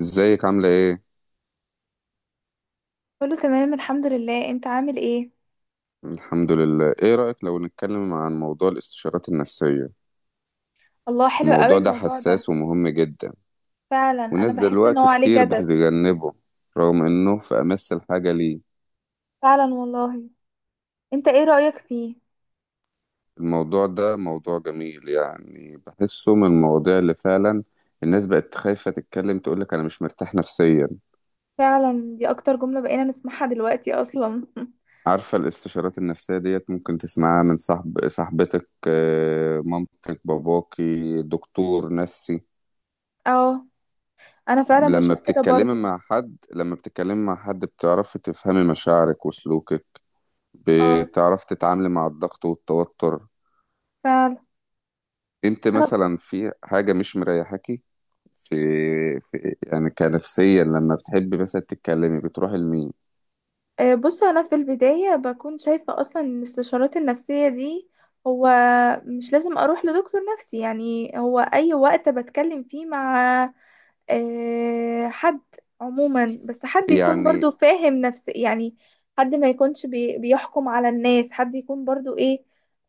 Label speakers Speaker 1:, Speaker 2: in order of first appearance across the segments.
Speaker 1: ازيك عاملة ايه؟
Speaker 2: كله تمام، الحمد لله. انت عامل ايه؟
Speaker 1: الحمد لله. ايه رأيك لو نتكلم عن موضوع الاستشارات النفسية؟
Speaker 2: الله، حلو قوي
Speaker 1: الموضوع ده
Speaker 2: الموضوع ده.
Speaker 1: حساس ومهم جدا،
Speaker 2: فعلا، انا
Speaker 1: وناس
Speaker 2: بحس ان هو
Speaker 1: دلوقتي
Speaker 2: عليه
Speaker 1: كتير
Speaker 2: جدل.
Speaker 1: بتتجنبه رغم انه في امس الحاجة ليه.
Speaker 2: فعلا والله. انت ايه رأيك فيه؟
Speaker 1: الموضوع ده موضوع جميل، يعني بحسه من المواضيع اللي فعلا الناس بقت خايفة تتكلم تقولك انا مش مرتاح نفسيا.
Speaker 2: فعلا، دي اكتر جملة بقينا نسمعها دلوقتي اصلا.
Speaker 1: عارفة الاستشارات النفسية ديت ممكن تسمعها من صاحب صاحبتك، مامتك، باباكي، دكتور نفسي.
Speaker 2: اه. انا فعلا
Speaker 1: لما
Speaker 2: بشوف كده
Speaker 1: بتتكلمي
Speaker 2: برضو.
Speaker 1: مع حد لما بتتكلمي مع حد بتعرفي تفهمي مشاعرك وسلوكك،
Speaker 2: اه.
Speaker 1: بتعرفي تتعاملي مع الضغط والتوتر.
Speaker 2: فعلا.
Speaker 1: انت
Speaker 2: انا
Speaker 1: مثلا في حاجة مش مريحاكي، في, في يعني كنفسيا لما بتحبي مثلا تتكلمي بتروحي لمين؟
Speaker 2: بص، انا في البداية بكون شايفة اصلا ان الاستشارات النفسية دي. هو مش لازم اروح لدكتور نفسي. يعني هو اي وقت بتكلم فيه مع حد عموما، بس حد يكون برضو
Speaker 1: يعني،
Speaker 2: فاهم نفس، يعني حد ما يكونش بيحكم على الناس، حد يكون برضو ايه،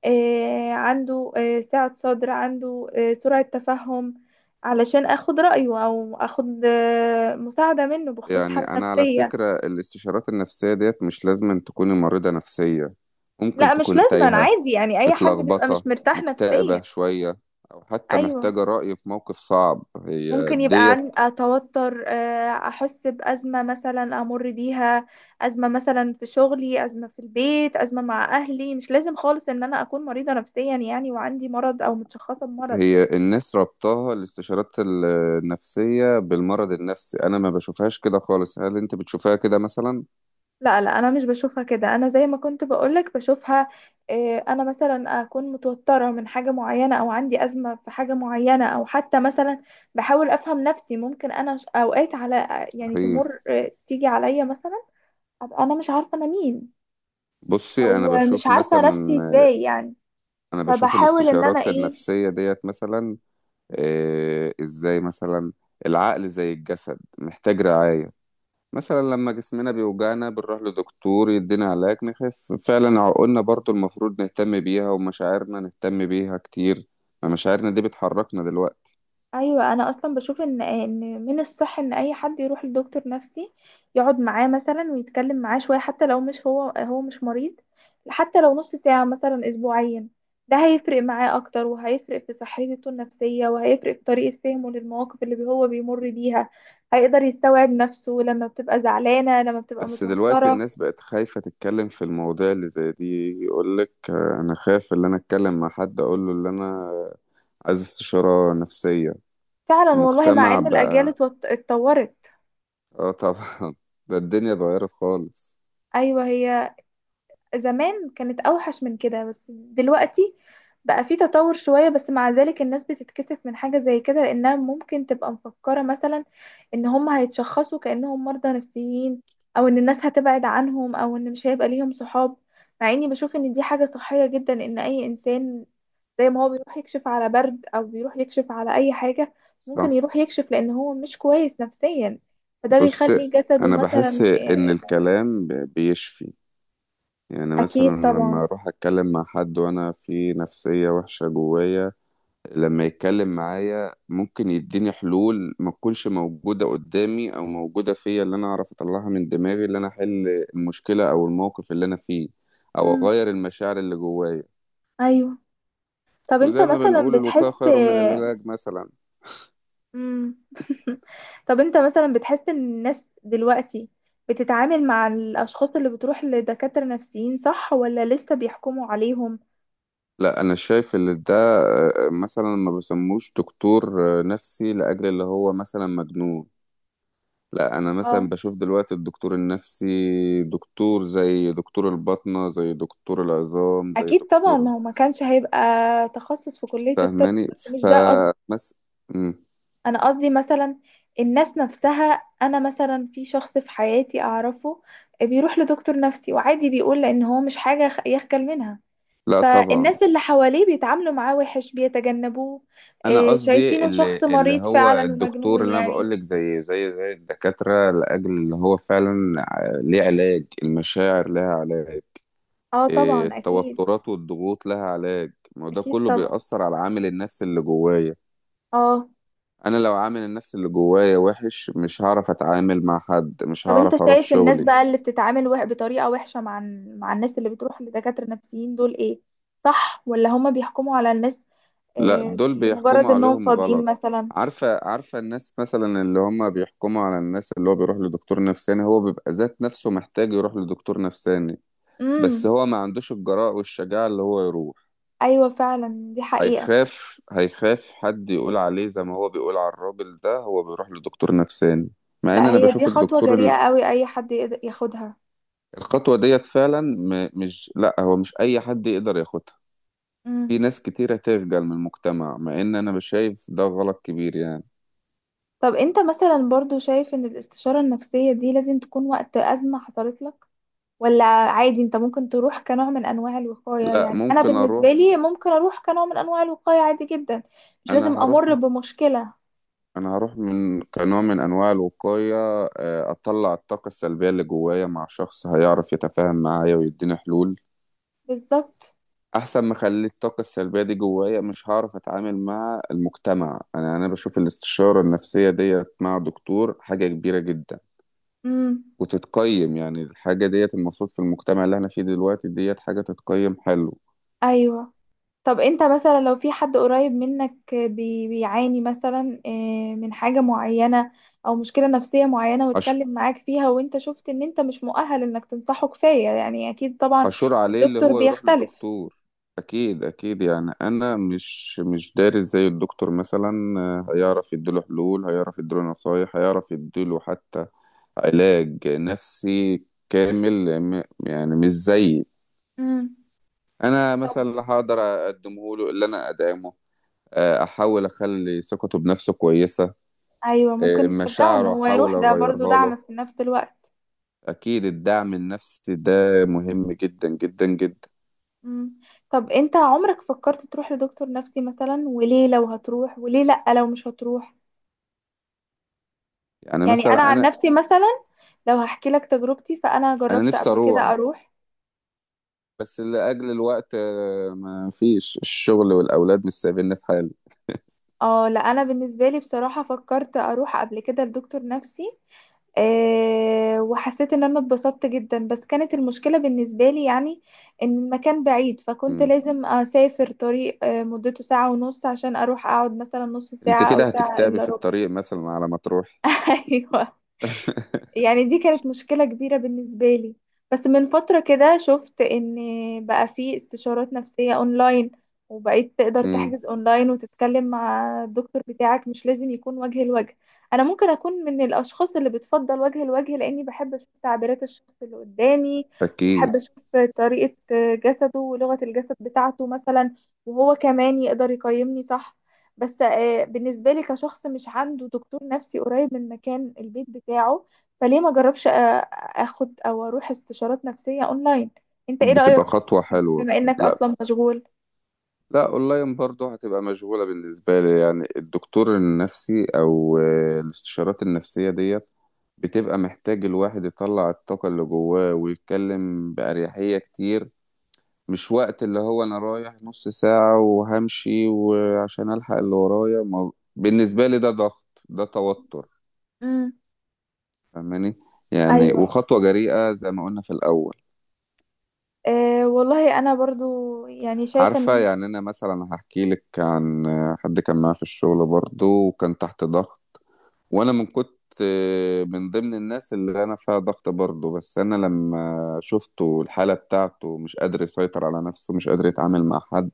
Speaker 2: عنده سعة صدر، عنده سرعة تفهم، علشان اخد رأيه او اخد مساعدة منه بخصوص
Speaker 1: يعني
Speaker 2: حالة
Speaker 1: انا على
Speaker 2: نفسية.
Speaker 1: فكرة الاستشارات النفسية ديت مش لازم أن تكوني مريضة نفسية، ممكن
Speaker 2: لا، مش
Speaker 1: تكوني
Speaker 2: لازم. انا
Speaker 1: تايهة،
Speaker 2: عادي، يعني اي حد بيبقى مش
Speaker 1: متلخبطة،
Speaker 2: مرتاح نفسيا.
Speaker 1: مكتئبة شوية، أو حتى
Speaker 2: ايوه.
Speaker 1: محتاجة رأي في موقف صعب. هي
Speaker 2: ممكن يبقى
Speaker 1: ديت.
Speaker 2: عن توتر، احس بازمه مثلا امر بيها. ازمه مثلا في شغلي، ازمه في البيت، ازمه مع اهلي. مش لازم خالص ان انا اكون مريضه نفسيا يعني وعندي مرض او متشخصه بمرض.
Speaker 1: هي الناس ربطها الاستشارات النفسية بالمرض النفسي، أنا ما بشوفهاش كده خالص، هل أنت بتشوفها كده مثلا؟
Speaker 2: لا، لا، انا مش بشوفها كده. انا زي ما كنت بقولك بشوفها. انا مثلا اكون متوتره من حاجه معينه، او عندي ازمه في حاجه معينه، او حتى مثلا بحاول افهم نفسي. ممكن انا اوقات على يعني
Speaker 1: صحيح.
Speaker 2: تمر، تيجي عليا مثلا. ابقى انا مش عارفه انا مين،
Speaker 1: بصي أنا
Speaker 2: ومش
Speaker 1: بشوف
Speaker 2: عارفة
Speaker 1: مثلا،
Speaker 2: نفسي ازاي يعني.
Speaker 1: أنا بشوف
Speaker 2: فبحاول ان انا
Speaker 1: الاستشارات
Speaker 2: ايه.
Speaker 1: النفسية ديت مثلا إيه إزاي مثلا. العقل زي الجسد محتاج رعاية. مثلا لما جسمنا بيوجعنا بنروح لدكتور يدينا علاج نخف فعلا، عقولنا برضو المفروض نهتم بيها، ومشاعرنا نهتم بيها كتير، ما مشاعرنا دي بتحركنا دلوقتي.
Speaker 2: ايوه، انا اصلا بشوف ان من الصح ان اي حد يروح لدكتور نفسي، يقعد معاه مثلا ويتكلم معاه شوية، حتى لو مش هو مش مريض. حتى لو نص ساعة مثلا اسبوعيا. ده هيفرق معاه اكتر، وهيفرق في صحته النفسية، وهيفرق في طريقة فهمه للمواقف اللي هو بيمر بيها. هيقدر يستوعب نفسه لما بتبقى زعلانة، لما بتبقى
Speaker 1: بس دلوقتي
Speaker 2: متوترة.
Speaker 1: الناس بقت خايفة تتكلم في المواضيع اللي زي دي، يقولك أنا خايف إن أنا أتكلم مع حد أقوله إن أنا عايز استشارة نفسية.
Speaker 2: فعلا والله، مع
Speaker 1: مجتمع
Speaker 2: ان الاجيال
Speaker 1: بقى.
Speaker 2: اتطورت.
Speaker 1: آه طبعا. ده الدنيا اتغيرت خالص.
Speaker 2: ايوه، هي زمان كانت اوحش من كده، بس دلوقتي بقى في تطور شوية. بس مع ذلك الناس بتتكسف من حاجة زي كده، لانها ممكن تبقى مفكرة مثلا ان هم هيتشخصوا كأنهم مرضى نفسيين، او ان الناس هتبعد عنهم، او ان مش هيبقى ليهم صحاب. مع اني بشوف ان دي حاجة صحية جدا، ان اي انسان زي ما هو بيروح يكشف على برد، او بيروح يكشف على اي حاجة، ممكن
Speaker 1: صح.
Speaker 2: يروح يكشف لان هو مش كويس نفسيا. فده
Speaker 1: بص
Speaker 2: بيخلي جسده
Speaker 1: أنا
Speaker 2: مثلا
Speaker 1: بحس إن الكلام بيشفي، يعني مثلا
Speaker 2: اكيد طبعا.
Speaker 1: لما أروح أتكلم مع حد وأنا في نفسية وحشة جوايا، لما يتكلم معايا ممكن يديني حلول ما تكونش موجودة قدامي أو موجودة فيا، اللي أنا أعرف أطلعها من دماغي، اللي أنا أحل المشكلة أو الموقف اللي أنا فيه، أو
Speaker 2: مم.
Speaker 1: أغير المشاعر اللي جوايا.
Speaker 2: ايوه. طب انت
Speaker 1: وزي ما
Speaker 2: مثلا
Speaker 1: بنقول، الوقاية
Speaker 2: بتحس.
Speaker 1: خير من العلاج مثلا.
Speaker 2: مم. طب انت مثلا بتحس ان الناس دلوقتي بتتعامل مع الاشخاص اللي بتروح لدكاترة نفسيين صح، ولا لسه بيحكموا عليهم؟
Speaker 1: لا أنا شايف إن ده مثلا ما بسموش دكتور نفسي لأجل اللي هو مثلا مجنون، لا انا
Speaker 2: اه،
Speaker 1: مثلا بشوف دلوقتي الدكتور النفسي دكتور زي دكتور الباطنة زي دكتور العظام زي
Speaker 2: اكيد طبعا،
Speaker 1: دكتور.
Speaker 2: ما هو ما كانش هيبقى تخصص في كلية الطب.
Speaker 1: فاهماني؟
Speaker 2: بس مش ده قصدي.
Speaker 1: فمس مم.
Speaker 2: انا قصدي مثلا الناس نفسها، انا مثلا في شخص في حياتي اعرفه بيروح لدكتور نفسي، وعادي بيقول لان هو مش حاجة يخجل منها.
Speaker 1: لا طبعا.
Speaker 2: فالناس اللي حواليه بيتعاملوا معاه وحش، بيتجنبوه،
Speaker 1: انا قصدي
Speaker 2: شايفينه شخص
Speaker 1: اللي
Speaker 2: مريض
Speaker 1: هو
Speaker 2: فعلا
Speaker 1: الدكتور
Speaker 2: ومجنون
Speaker 1: اللي انا
Speaker 2: يعني.
Speaker 1: بقول لك زي الدكاتره، لاجل اللي هو فعلا ليه علاج، المشاعر لها علاج،
Speaker 2: اه
Speaker 1: إيه،
Speaker 2: طبعا، اكيد.
Speaker 1: التوترات والضغوط لها علاج، ما هو ده
Speaker 2: اكيد
Speaker 1: كله
Speaker 2: طبعا.
Speaker 1: بيأثر على العامل النفسي اللي جوايا.
Speaker 2: اه.
Speaker 1: انا لو عامل النفسي اللي جوايا وحش مش هعرف اتعامل مع حد، مش
Speaker 2: طب انت
Speaker 1: هعرف اروح
Speaker 2: شايف الناس
Speaker 1: شغلي.
Speaker 2: بقى اللي بتتعامل بطريقة وحشة مع مع الناس اللي بتروح لدكاترة نفسيين دول ايه، صح، ولا هما بيحكموا على الناس
Speaker 1: لا دول بيحكموا
Speaker 2: لمجرد انهم
Speaker 1: عليهم
Speaker 2: فاضيين
Speaker 1: غلط.
Speaker 2: مثلا؟
Speaker 1: عارفة الناس مثلا اللي هم بيحكموا على الناس اللي هو بيروح لدكتور نفساني هو بيبقى ذات نفسه محتاج يروح لدكتور نفساني، بس
Speaker 2: امم.
Speaker 1: هو ما عندوش الجراءة والشجاعة اللي هو يروح،
Speaker 2: ايوه فعلا، دي حقيقة.
Speaker 1: هيخاف هيخاف حد يقول عليه زي ما هو بيقول على الراجل ده هو بيروح لدكتور نفساني. مع
Speaker 2: لا،
Speaker 1: ان انا
Speaker 2: هي دي
Speaker 1: بشوف
Speaker 2: خطوة
Speaker 1: الدكتور
Speaker 2: جريئة قوي اي حد يقدر ياخدها.
Speaker 1: الخطوة ديت فعلا مش لا هو مش اي حد يقدر ياخدها. في
Speaker 2: مم.
Speaker 1: ناس كتيرة تخجل من المجتمع مع ان انا بشايف ده غلط كبير يعني.
Speaker 2: طب انت مثلا برضو شايف ان الاستشارة النفسية دي لازم تكون وقت أزمة حصلت لك، ولا عادي انت ممكن تروح كنوع من انواع الوقاية؟
Speaker 1: لا،
Speaker 2: يعني انا
Speaker 1: ممكن
Speaker 2: بالنسبة
Speaker 1: اروح.
Speaker 2: لي ممكن اروح كنوع من انواع الوقاية عادي جدا، مش
Speaker 1: انا
Speaker 2: لازم امر
Speaker 1: هروح
Speaker 2: بمشكلة.
Speaker 1: انا هروح من كنوع من انواع الوقايه، اطلع الطاقه السلبيه اللي جوايا مع شخص هيعرف يتفاهم معايا ويديني حلول.
Speaker 2: بالظبط.
Speaker 1: احسن ما اخلي الطاقه السلبيه دي جوايا مش هعرف اتعامل مع المجتمع. انا بشوف الاستشاره النفسيه ديت مع دكتور حاجه كبيره جدا،
Speaker 2: امم.
Speaker 1: وتتقيم يعني الحاجه ديت المفروض في المجتمع اللي احنا فيه دلوقتي ديت حاجه تتقيم. حلو.
Speaker 2: ايوه. طب انت مثلا لو في حد قريب منك بيعاني مثلا من حاجة معينة، او مشكلة نفسية معينة
Speaker 1: أش-
Speaker 2: واتكلم معاك فيها، وانت شفت ان انت مش مؤهل انك تنصحه كفاية، يعني اكيد طبعا
Speaker 1: حشور عليه اللي
Speaker 2: الدكتور
Speaker 1: هو يروح
Speaker 2: بيختلف.
Speaker 1: للدكتور. اكيد اكيد، يعني انا مش دارس زي الدكتور مثلا، هيعرف يديله حلول، هيعرف يديله نصايح، هيعرف يديله حتى علاج نفسي كامل يعني مش زي
Speaker 2: مم.
Speaker 1: انا مثلا.
Speaker 2: طب.
Speaker 1: لا هقدر اقدمه له، اللي انا ادعمه، احاول اخلي ثقته بنفسه كويسة،
Speaker 2: ايوه، ممكن نشجعه ان
Speaker 1: مشاعره
Speaker 2: هو
Speaker 1: احاول
Speaker 2: يروح، ده برضو
Speaker 1: اغيرها له.
Speaker 2: دعم في نفس الوقت.
Speaker 1: اكيد الدعم النفسي ده مهم جدا جدا جدا.
Speaker 2: مم. طب انت عمرك فكرت تروح لدكتور نفسي مثلا؟ وليه لو هتروح، وليه لأ لو مش هتروح؟
Speaker 1: يعني
Speaker 2: يعني انا
Speaker 1: مثلا
Speaker 2: عن
Speaker 1: انا
Speaker 2: نفسي مثلا، لو هحكي لك تجربتي، فانا
Speaker 1: انا
Speaker 2: جربت
Speaker 1: نفسي
Speaker 2: قبل كده
Speaker 1: اروح،
Speaker 2: اروح.
Speaker 1: بس لأجل الوقت، ما فيش، الشغل والأولاد مش سايبيني في حالي.
Speaker 2: اه، لا، انا بالنسبه لي بصراحه فكرت اروح قبل كده لدكتور نفسي، وحسيت ان انا اتبسطت جدا. بس كانت المشكلة بالنسبة لي، يعني ان المكان بعيد، فكنت
Speaker 1: مم.
Speaker 2: لازم اسافر طريق مدته ساعة ونص عشان اروح اقعد مثلا نص
Speaker 1: انت
Speaker 2: ساعة او
Speaker 1: كده
Speaker 2: ساعة
Speaker 1: هتكتبي
Speaker 2: الا
Speaker 1: في
Speaker 2: ربع.
Speaker 1: الطريق مثلا على ما تروحي.
Speaker 2: ايوه. يعني دي كانت مشكلة كبيرة بالنسبة لي. بس من فترة كده شفت ان بقى في استشارات نفسية اونلاين، وبقيت تقدر
Speaker 1: امم.
Speaker 2: تحجز اونلاين وتتكلم مع الدكتور بتاعك، مش لازم يكون وجه لوجه. انا ممكن اكون من الاشخاص اللي بتفضل وجه لوجه، لاني بحب اشوف تعبيرات الشخص اللي قدامي،
Speaker 1: اكيد
Speaker 2: واحب اشوف طريقة جسده ولغة الجسد بتاعته مثلا، وهو كمان يقدر يقيمني صح. بس بالنسبة لي كشخص مش عنده دكتور نفسي قريب من مكان البيت بتاعه، فليه ما جربش اخد او اروح استشارات نفسية اونلاين؟ انت ايه رأيك
Speaker 1: بتبقى
Speaker 2: في
Speaker 1: خطوة
Speaker 2: الحاجات دي،
Speaker 1: حلوة.
Speaker 2: بما انك
Speaker 1: لا
Speaker 2: اصلا مشغول؟
Speaker 1: لا، اونلاين برضو هتبقى مشغولة بالنسبة لي، يعني الدكتور النفسي او الاستشارات النفسية ديت بتبقى محتاج الواحد يطلع الطاقة اللي جواه ويتكلم بأريحية كتير، مش وقت اللي هو انا رايح نص ساعة وهمشي، وعشان الحق اللي ورايا، ما بالنسبة لي ده ضغط، ده توتر.
Speaker 2: امم.
Speaker 1: فاهماني؟ يعني
Speaker 2: ايوه.
Speaker 1: وخطوة جريئة زي ما قلنا في الاول.
Speaker 2: أه والله، انا برضو يعني شايفة
Speaker 1: عارفة،
Speaker 2: ان
Speaker 1: يعني انا مثلا هحكي لك عن حد كان معايا في الشغل برضو وكان تحت ضغط، وانا من كنت من ضمن الناس اللي انا فيها ضغط برضو، بس انا لما شفته الحالة بتاعته مش قادر يسيطر على نفسه، مش قادر يتعامل مع حد،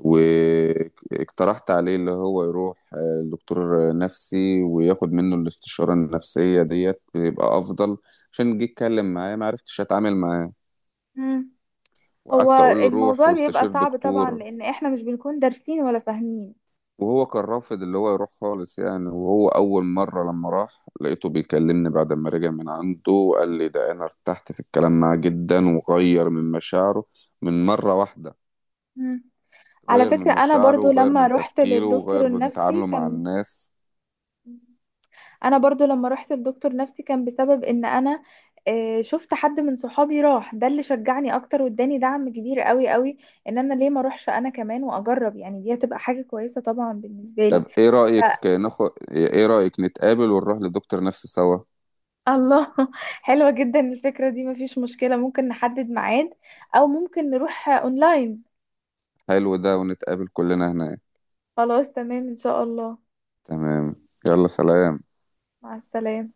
Speaker 1: واقترحت عليه اللي هو يروح لدكتور نفسي وياخد منه الاستشارة النفسية ديت بيبقى أفضل، عشان جيت أتكلم معاه ما عرفتش أتعامل معاه،
Speaker 2: امم. هو
Speaker 1: وقعدت أقول له روح
Speaker 2: الموضوع بيبقى
Speaker 1: واستشير
Speaker 2: صعب طبعا،
Speaker 1: دكتور.
Speaker 2: لان احنا مش بنكون دارسين ولا فاهمين.
Speaker 1: وهو كان رافض اللي هو يروح خالص يعني، وهو أول مرة لما راح لقيته بيكلمني بعد ما رجع من عنده قال لي ده أنا ارتحت في الكلام معاه جدا وغير من مشاعره من مرة واحدة،
Speaker 2: امم. على
Speaker 1: غير
Speaker 2: فكرة
Speaker 1: من
Speaker 2: انا
Speaker 1: مشاعره
Speaker 2: برضو
Speaker 1: وغير
Speaker 2: لما
Speaker 1: من
Speaker 2: رحت
Speaker 1: تفكيره
Speaker 2: للدكتور
Speaker 1: وغير من
Speaker 2: النفسي
Speaker 1: تعامله مع
Speaker 2: كان.
Speaker 1: الناس.
Speaker 2: انا برضو لما رحت لدكتور نفسي كان بسبب ان انا شفت حد من صحابي راح، ده اللي شجعني اكتر واداني دعم كبير قوي قوي، ان انا ليه ما اروحش انا كمان واجرب؟ يعني دي هتبقى حاجة كويسة طبعا بالنسبة لي.
Speaker 1: طب ايه
Speaker 2: ف...
Speaker 1: رأيك ناخد ايه رأيك نتقابل ونروح لدكتور نفسي سوا؟
Speaker 2: الله، حلوة جدا الفكرة دي. مفيش مشكلة، ممكن نحدد ميعاد، او ممكن نروح اونلاين.
Speaker 1: حلو ده، ونتقابل كلنا هناك.
Speaker 2: خلاص، تمام ان شاء الله.
Speaker 1: تمام، يلا سلام.
Speaker 2: مع السلامة.